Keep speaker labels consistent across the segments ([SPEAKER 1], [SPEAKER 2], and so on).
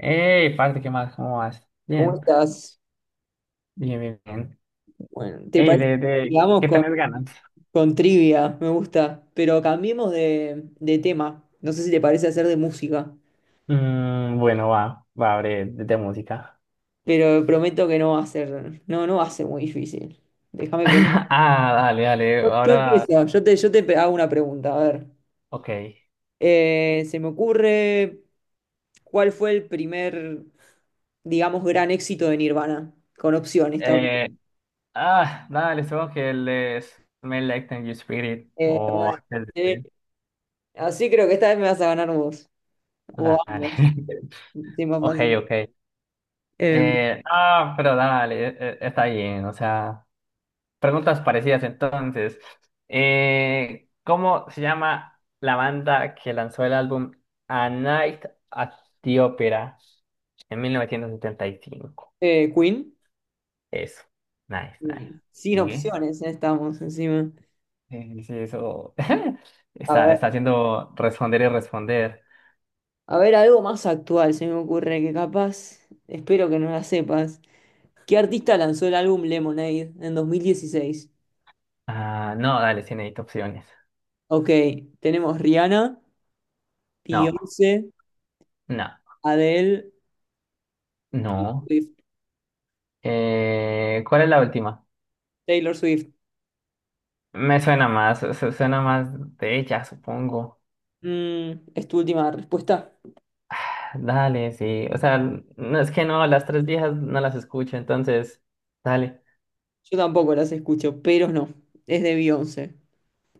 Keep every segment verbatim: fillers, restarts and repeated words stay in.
[SPEAKER 1] Ey, parte, ¿qué más? ¿Cómo vas?
[SPEAKER 2] ¿Cómo
[SPEAKER 1] Bien,
[SPEAKER 2] estás?
[SPEAKER 1] bien, bien, bien.
[SPEAKER 2] Bueno, ¿te
[SPEAKER 1] Ey,
[SPEAKER 2] parece
[SPEAKER 1] de,
[SPEAKER 2] que
[SPEAKER 1] de,
[SPEAKER 2] sigamos
[SPEAKER 1] ¿qué
[SPEAKER 2] con,
[SPEAKER 1] tenés ganas?
[SPEAKER 2] con trivia? Me gusta, pero cambiemos de, de tema. No sé si te parece hacer de música,
[SPEAKER 1] Mm, bueno, va, va, abre de, de música.
[SPEAKER 2] pero prometo que no va a ser, no, no va a ser muy difícil. Déjame pensar.
[SPEAKER 1] Ah, dale, dale,
[SPEAKER 2] Yo, yo
[SPEAKER 1] ahora,
[SPEAKER 2] empiezo, yo te, yo te pe- hago una pregunta, a ver.
[SPEAKER 1] ok.
[SPEAKER 2] Eh, se me ocurre, ¿cuál fue el primer, digamos, gran éxito de Nirvana? Con opciones, está.
[SPEAKER 1] Eh, ah, dale, supongo que les me Like Teen Spirit
[SPEAKER 2] Eh,
[SPEAKER 1] o
[SPEAKER 2] bueno,
[SPEAKER 1] antes
[SPEAKER 2] sí.
[SPEAKER 1] de-
[SPEAKER 2] Así creo que esta vez me vas a ganar vos. O
[SPEAKER 1] Dale.
[SPEAKER 2] ambos. Sí, más
[SPEAKER 1] Ok,
[SPEAKER 2] fácil.
[SPEAKER 1] ok.
[SPEAKER 2] Em,
[SPEAKER 1] Eh, ah, pero dale, eh, eh, está bien, o sea. Preguntas parecidas entonces. Eh, ¿cómo se llama la banda que lanzó el álbum A Night at the Opera en mil novecientos setenta y cinco?
[SPEAKER 2] eh, Queen.
[SPEAKER 1] Eso. Nice, nice.
[SPEAKER 2] Sí. Sin
[SPEAKER 1] ¿Sigue?
[SPEAKER 2] opciones, eh, estamos encima.
[SPEAKER 1] Eh, sí, eso
[SPEAKER 2] A
[SPEAKER 1] está,
[SPEAKER 2] ver,
[SPEAKER 1] está haciendo responder y responder.
[SPEAKER 2] a ver, algo más actual se me ocurre que capaz, espero que no la sepas. ¿Qué artista lanzó el álbum Lemonade en dos mil dieciséis?
[SPEAKER 1] Ah, no, dale, sí necesito opciones.
[SPEAKER 2] Ok, tenemos Rihanna,
[SPEAKER 1] No,
[SPEAKER 2] Beyoncé,
[SPEAKER 1] no,
[SPEAKER 2] Adele,
[SPEAKER 1] no.
[SPEAKER 2] Swift,
[SPEAKER 1] Eh, ¿cuál es la última?
[SPEAKER 2] Taylor Swift.
[SPEAKER 1] Me suena más, su- suena más de ella, supongo.
[SPEAKER 2] Mm, ¿es tu última respuesta?
[SPEAKER 1] Dale, sí. O sea, no es que no, las tres viejas no las escucho, entonces, dale.
[SPEAKER 2] Yo tampoco las escucho, pero no. Es de Beyoncé.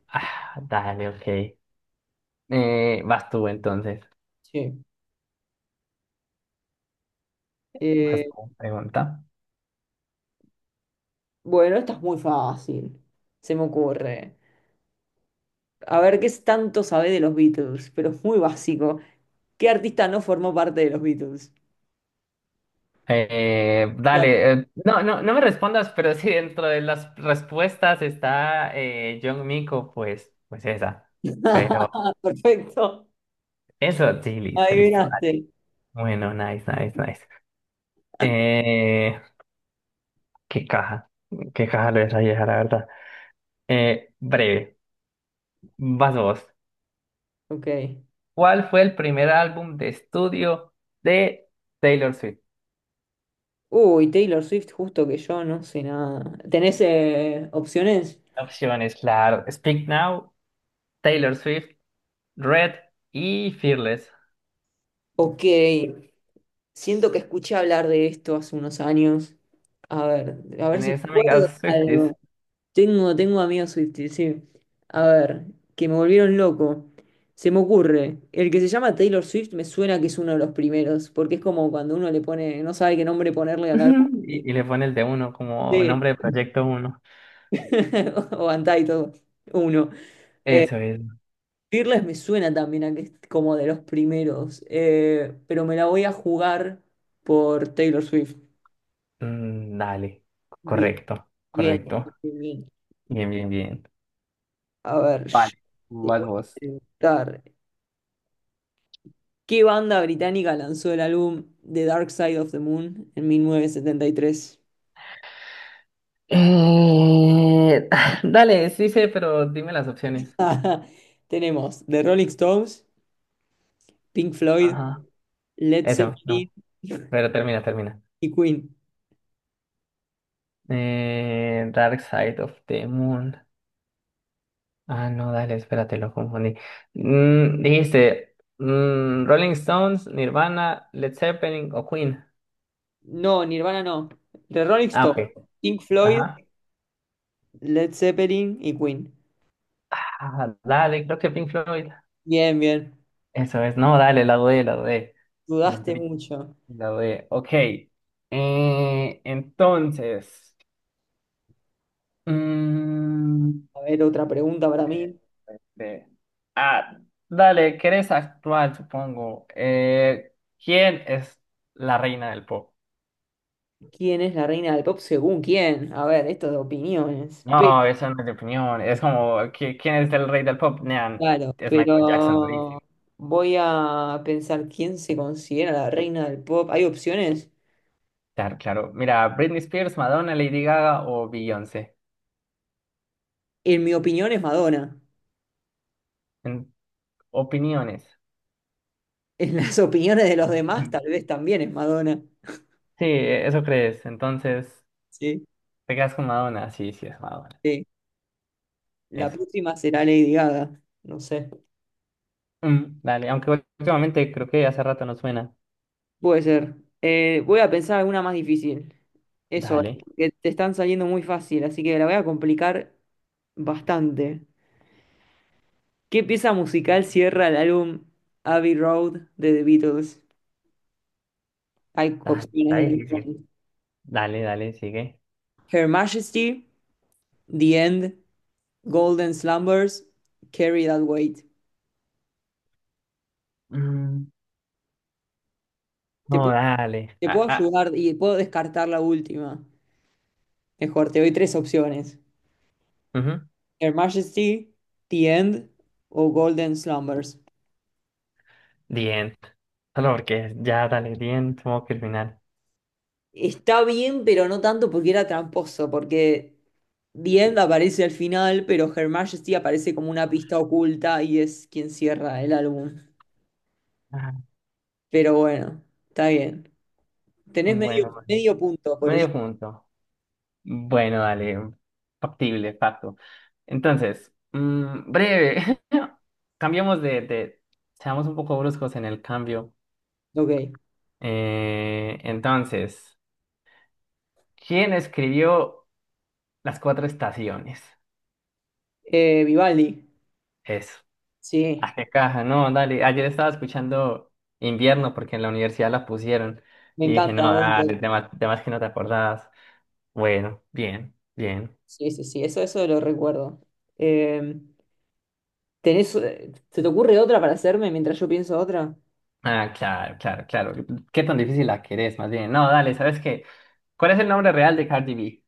[SPEAKER 1] Ah, dale, ok. Eh, vas tú entonces.
[SPEAKER 2] Sí.
[SPEAKER 1] Vas
[SPEAKER 2] Eh,
[SPEAKER 1] tú, pregunta.
[SPEAKER 2] bueno, esta es muy fácil. Se me ocurre. A ver qué es tanto sabe de los Beatles, pero es muy básico. ¿Qué artista no formó parte de los Beatles?
[SPEAKER 1] Eh,
[SPEAKER 2] Claro.
[SPEAKER 1] dale, eh, no, no, no me respondas, pero si dentro de las respuestas está eh, John Mico, pues, pues esa. Pero
[SPEAKER 2] Perfecto.
[SPEAKER 1] eso, sí, listo, listo. Dale.
[SPEAKER 2] Adivinaste.
[SPEAKER 1] Bueno, nice, nice, nice. Eh, qué caja, qué caja lo de esa vieja, la verdad. Eh, breve, vas vos.
[SPEAKER 2] Ok.
[SPEAKER 1] ¿Cuál fue el primer álbum de estudio de Taylor Swift?
[SPEAKER 2] Uy, Taylor Swift, justo que yo no sé nada. ¿Tenés eh, opciones?
[SPEAKER 1] Opciones, claro. Speak Now, Taylor Swift, Red y Fearless.
[SPEAKER 2] Ok. Siento que escuché hablar de esto hace unos años. A ver, a ver si
[SPEAKER 1] Tenés
[SPEAKER 2] me acuerdo de
[SPEAKER 1] amigas Swifties.
[SPEAKER 2] algo. Tengo, tengo amigos Swifties, sí. A ver, que me volvieron loco. Se me ocurre, el que se llama Taylor Swift me suena que es uno de los primeros, porque es como cuando uno le pone, no sabe qué nombre ponerle al álbum.
[SPEAKER 1] Ujú.
[SPEAKER 2] y-
[SPEAKER 1] Y, y le pones de uno como
[SPEAKER 2] Sí.
[SPEAKER 1] nombre de proyecto uno.
[SPEAKER 2] O Untitled, uno. Eh,
[SPEAKER 1] Eso es.
[SPEAKER 2] Fearless me suena también a que es como de los primeros, eh, pero me la voy a jugar por Taylor Swift.
[SPEAKER 1] Mm, dale.
[SPEAKER 2] Bien,
[SPEAKER 1] Correcto,
[SPEAKER 2] bien,
[SPEAKER 1] correcto.
[SPEAKER 2] bien.
[SPEAKER 1] Bien, bien, bien.
[SPEAKER 2] A ver, yo
[SPEAKER 1] Vale,
[SPEAKER 2] te
[SPEAKER 1] vas
[SPEAKER 2] voy a
[SPEAKER 1] vos.
[SPEAKER 2] preguntar. ¿Qué banda británica lanzó el álbum The Dark Side of the Moon en mil novecientos setenta y tres?
[SPEAKER 1] Eh, Dale, sí sé, pero dime las opciones.
[SPEAKER 2] Tenemos The Rolling Stones, Pink Floyd,
[SPEAKER 1] Ajá.
[SPEAKER 2] Led
[SPEAKER 1] Eso, no.
[SPEAKER 2] Zeppelin
[SPEAKER 1] Pero termina, termina.
[SPEAKER 2] y Queen.
[SPEAKER 1] Eh, Dark Side of the Moon. Ah, no, dale, espérate, lo confundí. Mm, dijiste mm, Rolling Stones, Nirvana, Led Zeppelin o Queen.
[SPEAKER 2] No, Nirvana no. The Rolling
[SPEAKER 1] Ah,
[SPEAKER 2] Stones,
[SPEAKER 1] ok.
[SPEAKER 2] Pink Floyd,
[SPEAKER 1] Ajá.
[SPEAKER 2] Led Zeppelin y Queen.
[SPEAKER 1] Ah, dale, creo que Pink Floyd.
[SPEAKER 2] Bien, bien.
[SPEAKER 1] Eso es, no, dale, la dudé, la dudé. La
[SPEAKER 2] Dudaste
[SPEAKER 1] dudé,
[SPEAKER 2] mucho.
[SPEAKER 1] la dudé. Ok. Eh, entonces. mm,
[SPEAKER 2] A ver, otra pregunta para mí.
[SPEAKER 1] Este, ah, dale, querés actuar, supongo. Eh, ¿quién es la reina del pop?
[SPEAKER 2] ¿Quién es la reina del pop según quién? A ver, esto de opiniones.
[SPEAKER 1] No, eso no es de opinión. Es como, ¿qui- ¿quién es el rey del pop? Nean,
[SPEAKER 2] Claro,
[SPEAKER 1] es Michael Jackson, lo
[SPEAKER 2] pero
[SPEAKER 1] dice.
[SPEAKER 2] voy a pensar quién se considera la reina del pop. ¿Hay opciones?
[SPEAKER 1] Claro, claro. Mira, Britney Spears, Madonna, Lady Gaga o Beyoncé.
[SPEAKER 2] En mi opinión es Madonna.
[SPEAKER 1] En opiniones.
[SPEAKER 2] En las opiniones de los demás
[SPEAKER 1] Ujú.
[SPEAKER 2] tal vez también es Madonna.
[SPEAKER 1] Sí, eso crees. Entonces,
[SPEAKER 2] Sí.
[SPEAKER 1] ¿te quedas con Madonna? Sí, sí, es Madonna.
[SPEAKER 2] Sí. La
[SPEAKER 1] Eso.
[SPEAKER 2] próxima será Lady Gaga. No sé.
[SPEAKER 1] Mm, dale, aunque últimamente creo que hace rato no suena.
[SPEAKER 2] Puede ser. Eh, voy a pensar alguna más difícil. Eso,
[SPEAKER 1] Dale,
[SPEAKER 2] que te están saliendo muy fácil, así que la voy a complicar bastante. ¿Qué pieza musical cierra el álbum Abbey Road de The Beatles? Hay
[SPEAKER 1] dale,
[SPEAKER 2] opciones
[SPEAKER 1] está
[SPEAKER 2] de
[SPEAKER 1] difícil.
[SPEAKER 2] canciones.
[SPEAKER 1] Dale, dale, sigue.
[SPEAKER 2] Her Majesty, The End, Golden Slumbers, Carry That Weight.
[SPEAKER 1] Mm,
[SPEAKER 2] Te
[SPEAKER 1] no,
[SPEAKER 2] puedo,
[SPEAKER 1] dale.
[SPEAKER 2] te
[SPEAKER 1] Ah,
[SPEAKER 2] puedo
[SPEAKER 1] ah,
[SPEAKER 2] ayudar y puedo descartar la última. Mejor, te doy tres opciones.
[SPEAKER 1] ujú.
[SPEAKER 2] Her Majesty, The End o Golden Slumbers.
[SPEAKER 1] The End. Solo porque ya, dale, The End, modo criminal.
[SPEAKER 2] Está bien, pero no tanto porque era tramposo, porque The End aparece al final, pero Her Majesty aparece como una pista oculta y es quien cierra el álbum.
[SPEAKER 1] Ah,
[SPEAKER 2] Pero bueno, está bien. Tenés
[SPEAKER 1] bueno,
[SPEAKER 2] medio,
[SPEAKER 1] bueno.
[SPEAKER 2] medio punto por eso.
[SPEAKER 1] Medio punto. Bueno, dale. Factible, facto. Entonces, mm, breve. Cambiamos de, de... Seamos un poco bruscos en el cambio.
[SPEAKER 2] Ok.
[SPEAKER 1] Eh, entonces, ¿quién escribió Las Cuatro Estaciones?
[SPEAKER 2] Eh, Vivaldi.
[SPEAKER 1] Eso.
[SPEAKER 2] Sí,
[SPEAKER 1] Ah, qué caja, no, dale. Ayer estaba escuchando Invierno porque en la universidad la pusieron
[SPEAKER 2] me
[SPEAKER 1] y dije, no,
[SPEAKER 2] encanta
[SPEAKER 1] dale,
[SPEAKER 2] Winter.
[SPEAKER 1] temas, temas que no te acordabas. Bueno, bien, bien.
[SPEAKER 2] Sí, sí, sí, eso, eso lo recuerdo. Eh, ¿tenés, eh, ¿Se te ocurre otra para hacerme mientras yo pienso otra?
[SPEAKER 1] Ah, claro, claro, claro. ¿Qué tan difícil la querés, más bien? No, dale, ¿sabes qué? ¿Cuál es el nombre real de Cardi B?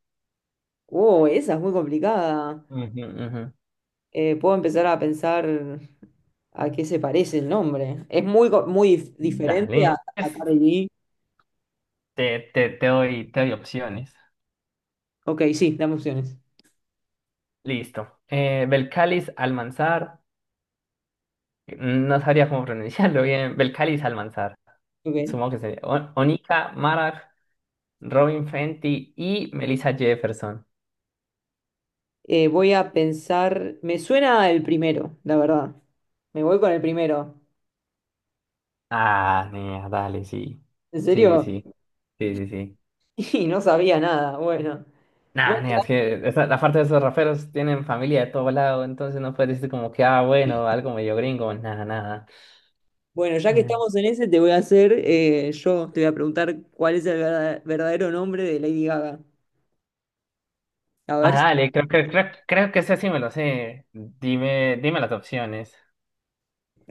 [SPEAKER 2] Oh, esa es muy complicada.
[SPEAKER 1] Ujú, ujú.
[SPEAKER 2] Eh, puedo empezar a pensar a qué se parece el nombre. Es muy, co- muy dif- diferente a,
[SPEAKER 1] Dale.
[SPEAKER 2] a
[SPEAKER 1] Es-
[SPEAKER 2] Cardi B.
[SPEAKER 1] Te, te, te doy, te doy opciones.
[SPEAKER 2] Ok, sí, dame opciones.
[SPEAKER 1] Listo. Eh, Belcalis Almanzar. No sabría cómo pronunciarlo bien. Belcalis Almanzar.
[SPEAKER 2] Ok.
[SPEAKER 1] Supongo que sería. O- Onika Marar. Robin Fenty y Melissa Jefferson.
[SPEAKER 2] Eh, voy a pensar. Me suena el primero, la verdad. Me voy con el primero.
[SPEAKER 1] Ah, nea, dale, sí.
[SPEAKER 2] ¿En
[SPEAKER 1] Sí, sí,
[SPEAKER 2] serio?
[SPEAKER 1] sí. Sí, sí, sí.
[SPEAKER 2] Y no sabía nada. Bueno. Bueno,
[SPEAKER 1] Nah, nea, es que esa- la parte de esos raperos tienen familia de todo lado, entonces no puedes decir como que, ah, bueno, algo medio gringo, nada, nada.
[SPEAKER 2] Bueno, ya que
[SPEAKER 1] Eh,
[SPEAKER 2] estamos en ese, te voy a hacer, eh, yo te voy a preguntar cuál es el verda- verdadero nombre de Lady Gaga. A
[SPEAKER 1] Ah,
[SPEAKER 2] ver si...
[SPEAKER 1] dale, creo que creo, creo que ese sí me lo sé. Dime, dime las opciones.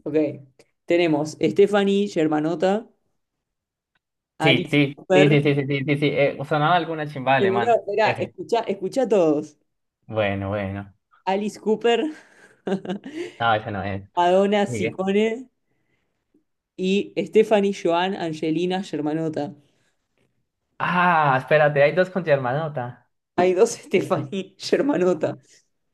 [SPEAKER 2] Ok. Tenemos Stephanie Germanota,
[SPEAKER 1] Sí,
[SPEAKER 2] Alice
[SPEAKER 1] sí, sí, sí,
[SPEAKER 2] Cooper.
[SPEAKER 1] sí, sí, sí, sí, sí. Eh, sonaba alguna chimba
[SPEAKER 2] Espera,
[SPEAKER 1] alemán.
[SPEAKER 2] espera,
[SPEAKER 1] Ese.
[SPEAKER 2] escucha, escucha a todos.
[SPEAKER 1] Bueno, bueno.
[SPEAKER 2] Alice Cooper,
[SPEAKER 1] No, ese no es.
[SPEAKER 2] Madonna
[SPEAKER 1] Sigue.
[SPEAKER 2] Sicone y Stephanie Joan Angelina Germanota.
[SPEAKER 1] Ah, espérate, hay dos con Germanota.
[SPEAKER 2] Hay dos Stephanie Germanota,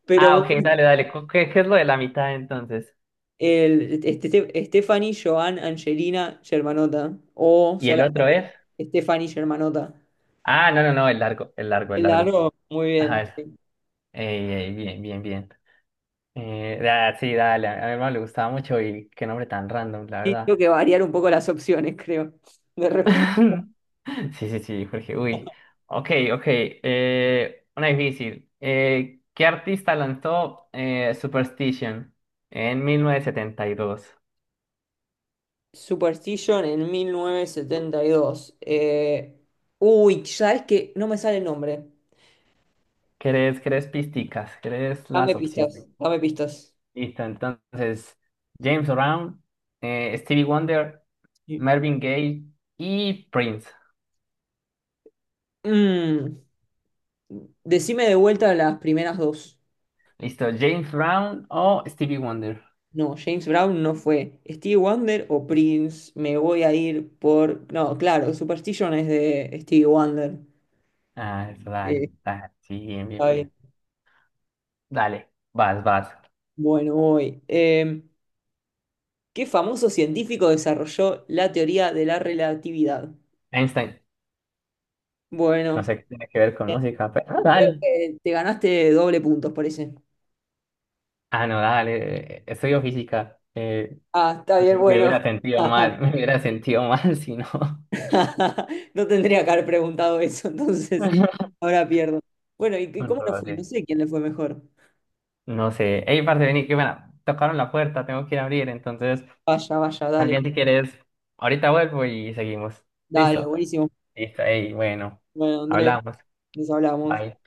[SPEAKER 2] pero
[SPEAKER 1] Ah, ok,
[SPEAKER 2] bueno,
[SPEAKER 1] dale, dale. Cu- ¿Qué, qué es lo de la mitad entonces?
[SPEAKER 2] el, este, Stephanie, Joan, Angelina, Germanota. O
[SPEAKER 1] ¿Y el otro es?
[SPEAKER 2] solamente Stephanie Germanota.
[SPEAKER 1] Ah, no, no, no, el largo, el largo, el largo.
[SPEAKER 2] Claro, muy
[SPEAKER 1] Ajá,
[SPEAKER 2] bien.
[SPEAKER 1] eso. Ey, ey, bien, bien, bien. Eh, da- sí, dale, a mi hermano le gustaba mucho y qué nombre tan random, la
[SPEAKER 2] Sí,
[SPEAKER 1] verdad.
[SPEAKER 2] tengo que variar un poco las opciones, creo, de respuesta.
[SPEAKER 1] Sí, sí, sí, Jorge, uy. Ok, ok. Eh, una difícil. Eh, ¿qué artista lanzó eh, Superstition en mil novecientos setenta y dos?
[SPEAKER 2] Superstition en mil novecientos setenta y dos. Eh, uy, ¿sabes qué? No me sale el nombre.
[SPEAKER 1] ¿Querés, querés pisticas? ¿Querés las
[SPEAKER 2] Dame pistas,
[SPEAKER 1] opciones?
[SPEAKER 2] dame pistas.
[SPEAKER 1] Listo, entonces, James Brown, eh, Stevie Wonder,
[SPEAKER 2] Sí.
[SPEAKER 1] Marvin Gaye y Prince.
[SPEAKER 2] Mm, Decime de vuelta las primeras dos.
[SPEAKER 1] Listo, James Brown o Stevie Wonder.
[SPEAKER 2] No, James Brown no fue. Stevie Wonder o Prince, me voy a ir por— No, claro, Superstition es de Stevie Wonder.
[SPEAKER 1] Ah, eso,
[SPEAKER 2] Eh,
[SPEAKER 1] dale, dale, sí, bien, bien,
[SPEAKER 2] Está bien.
[SPEAKER 1] bien. Dale, vas, vas.
[SPEAKER 2] Bueno, voy. Em, ¿qué famoso científico desarrolló la teoría de la relatividad?
[SPEAKER 1] Einstein, no
[SPEAKER 2] Bueno,
[SPEAKER 1] sé qué tiene que ver con
[SPEAKER 2] bien.
[SPEAKER 1] música, pero ah,
[SPEAKER 2] Creo
[SPEAKER 1] dale.
[SPEAKER 2] que te ganaste doble puntos por ese.
[SPEAKER 1] Ah, no, dale, eh, estudio física. eh,
[SPEAKER 2] Ah, está bien,
[SPEAKER 1] me, me
[SPEAKER 2] bueno.
[SPEAKER 1] hubiera sentido mal, me hubiera sentido mal si no.
[SPEAKER 2] No tendría que haber preguntado eso, entonces ahora pierdo. Bueno, ¿y qué-
[SPEAKER 1] Un
[SPEAKER 2] cómo no fue?
[SPEAKER 1] roce.
[SPEAKER 2] No sé quién le fue mejor.
[SPEAKER 1] No sé. Ey, parce, vení, que bueno, tocaron la puerta, tengo que ir a abrir, entonces.
[SPEAKER 2] Vaya, vaya,
[SPEAKER 1] Más
[SPEAKER 2] dale.
[SPEAKER 1] bien, si quieres, ahorita vuelvo y seguimos.
[SPEAKER 2] Dale,
[SPEAKER 1] ¿Listo?
[SPEAKER 2] buenísimo.
[SPEAKER 1] Listo, ey, bueno,
[SPEAKER 2] Bueno, Andrés,
[SPEAKER 1] hablamos.
[SPEAKER 2] nos hablamos.
[SPEAKER 1] Bye.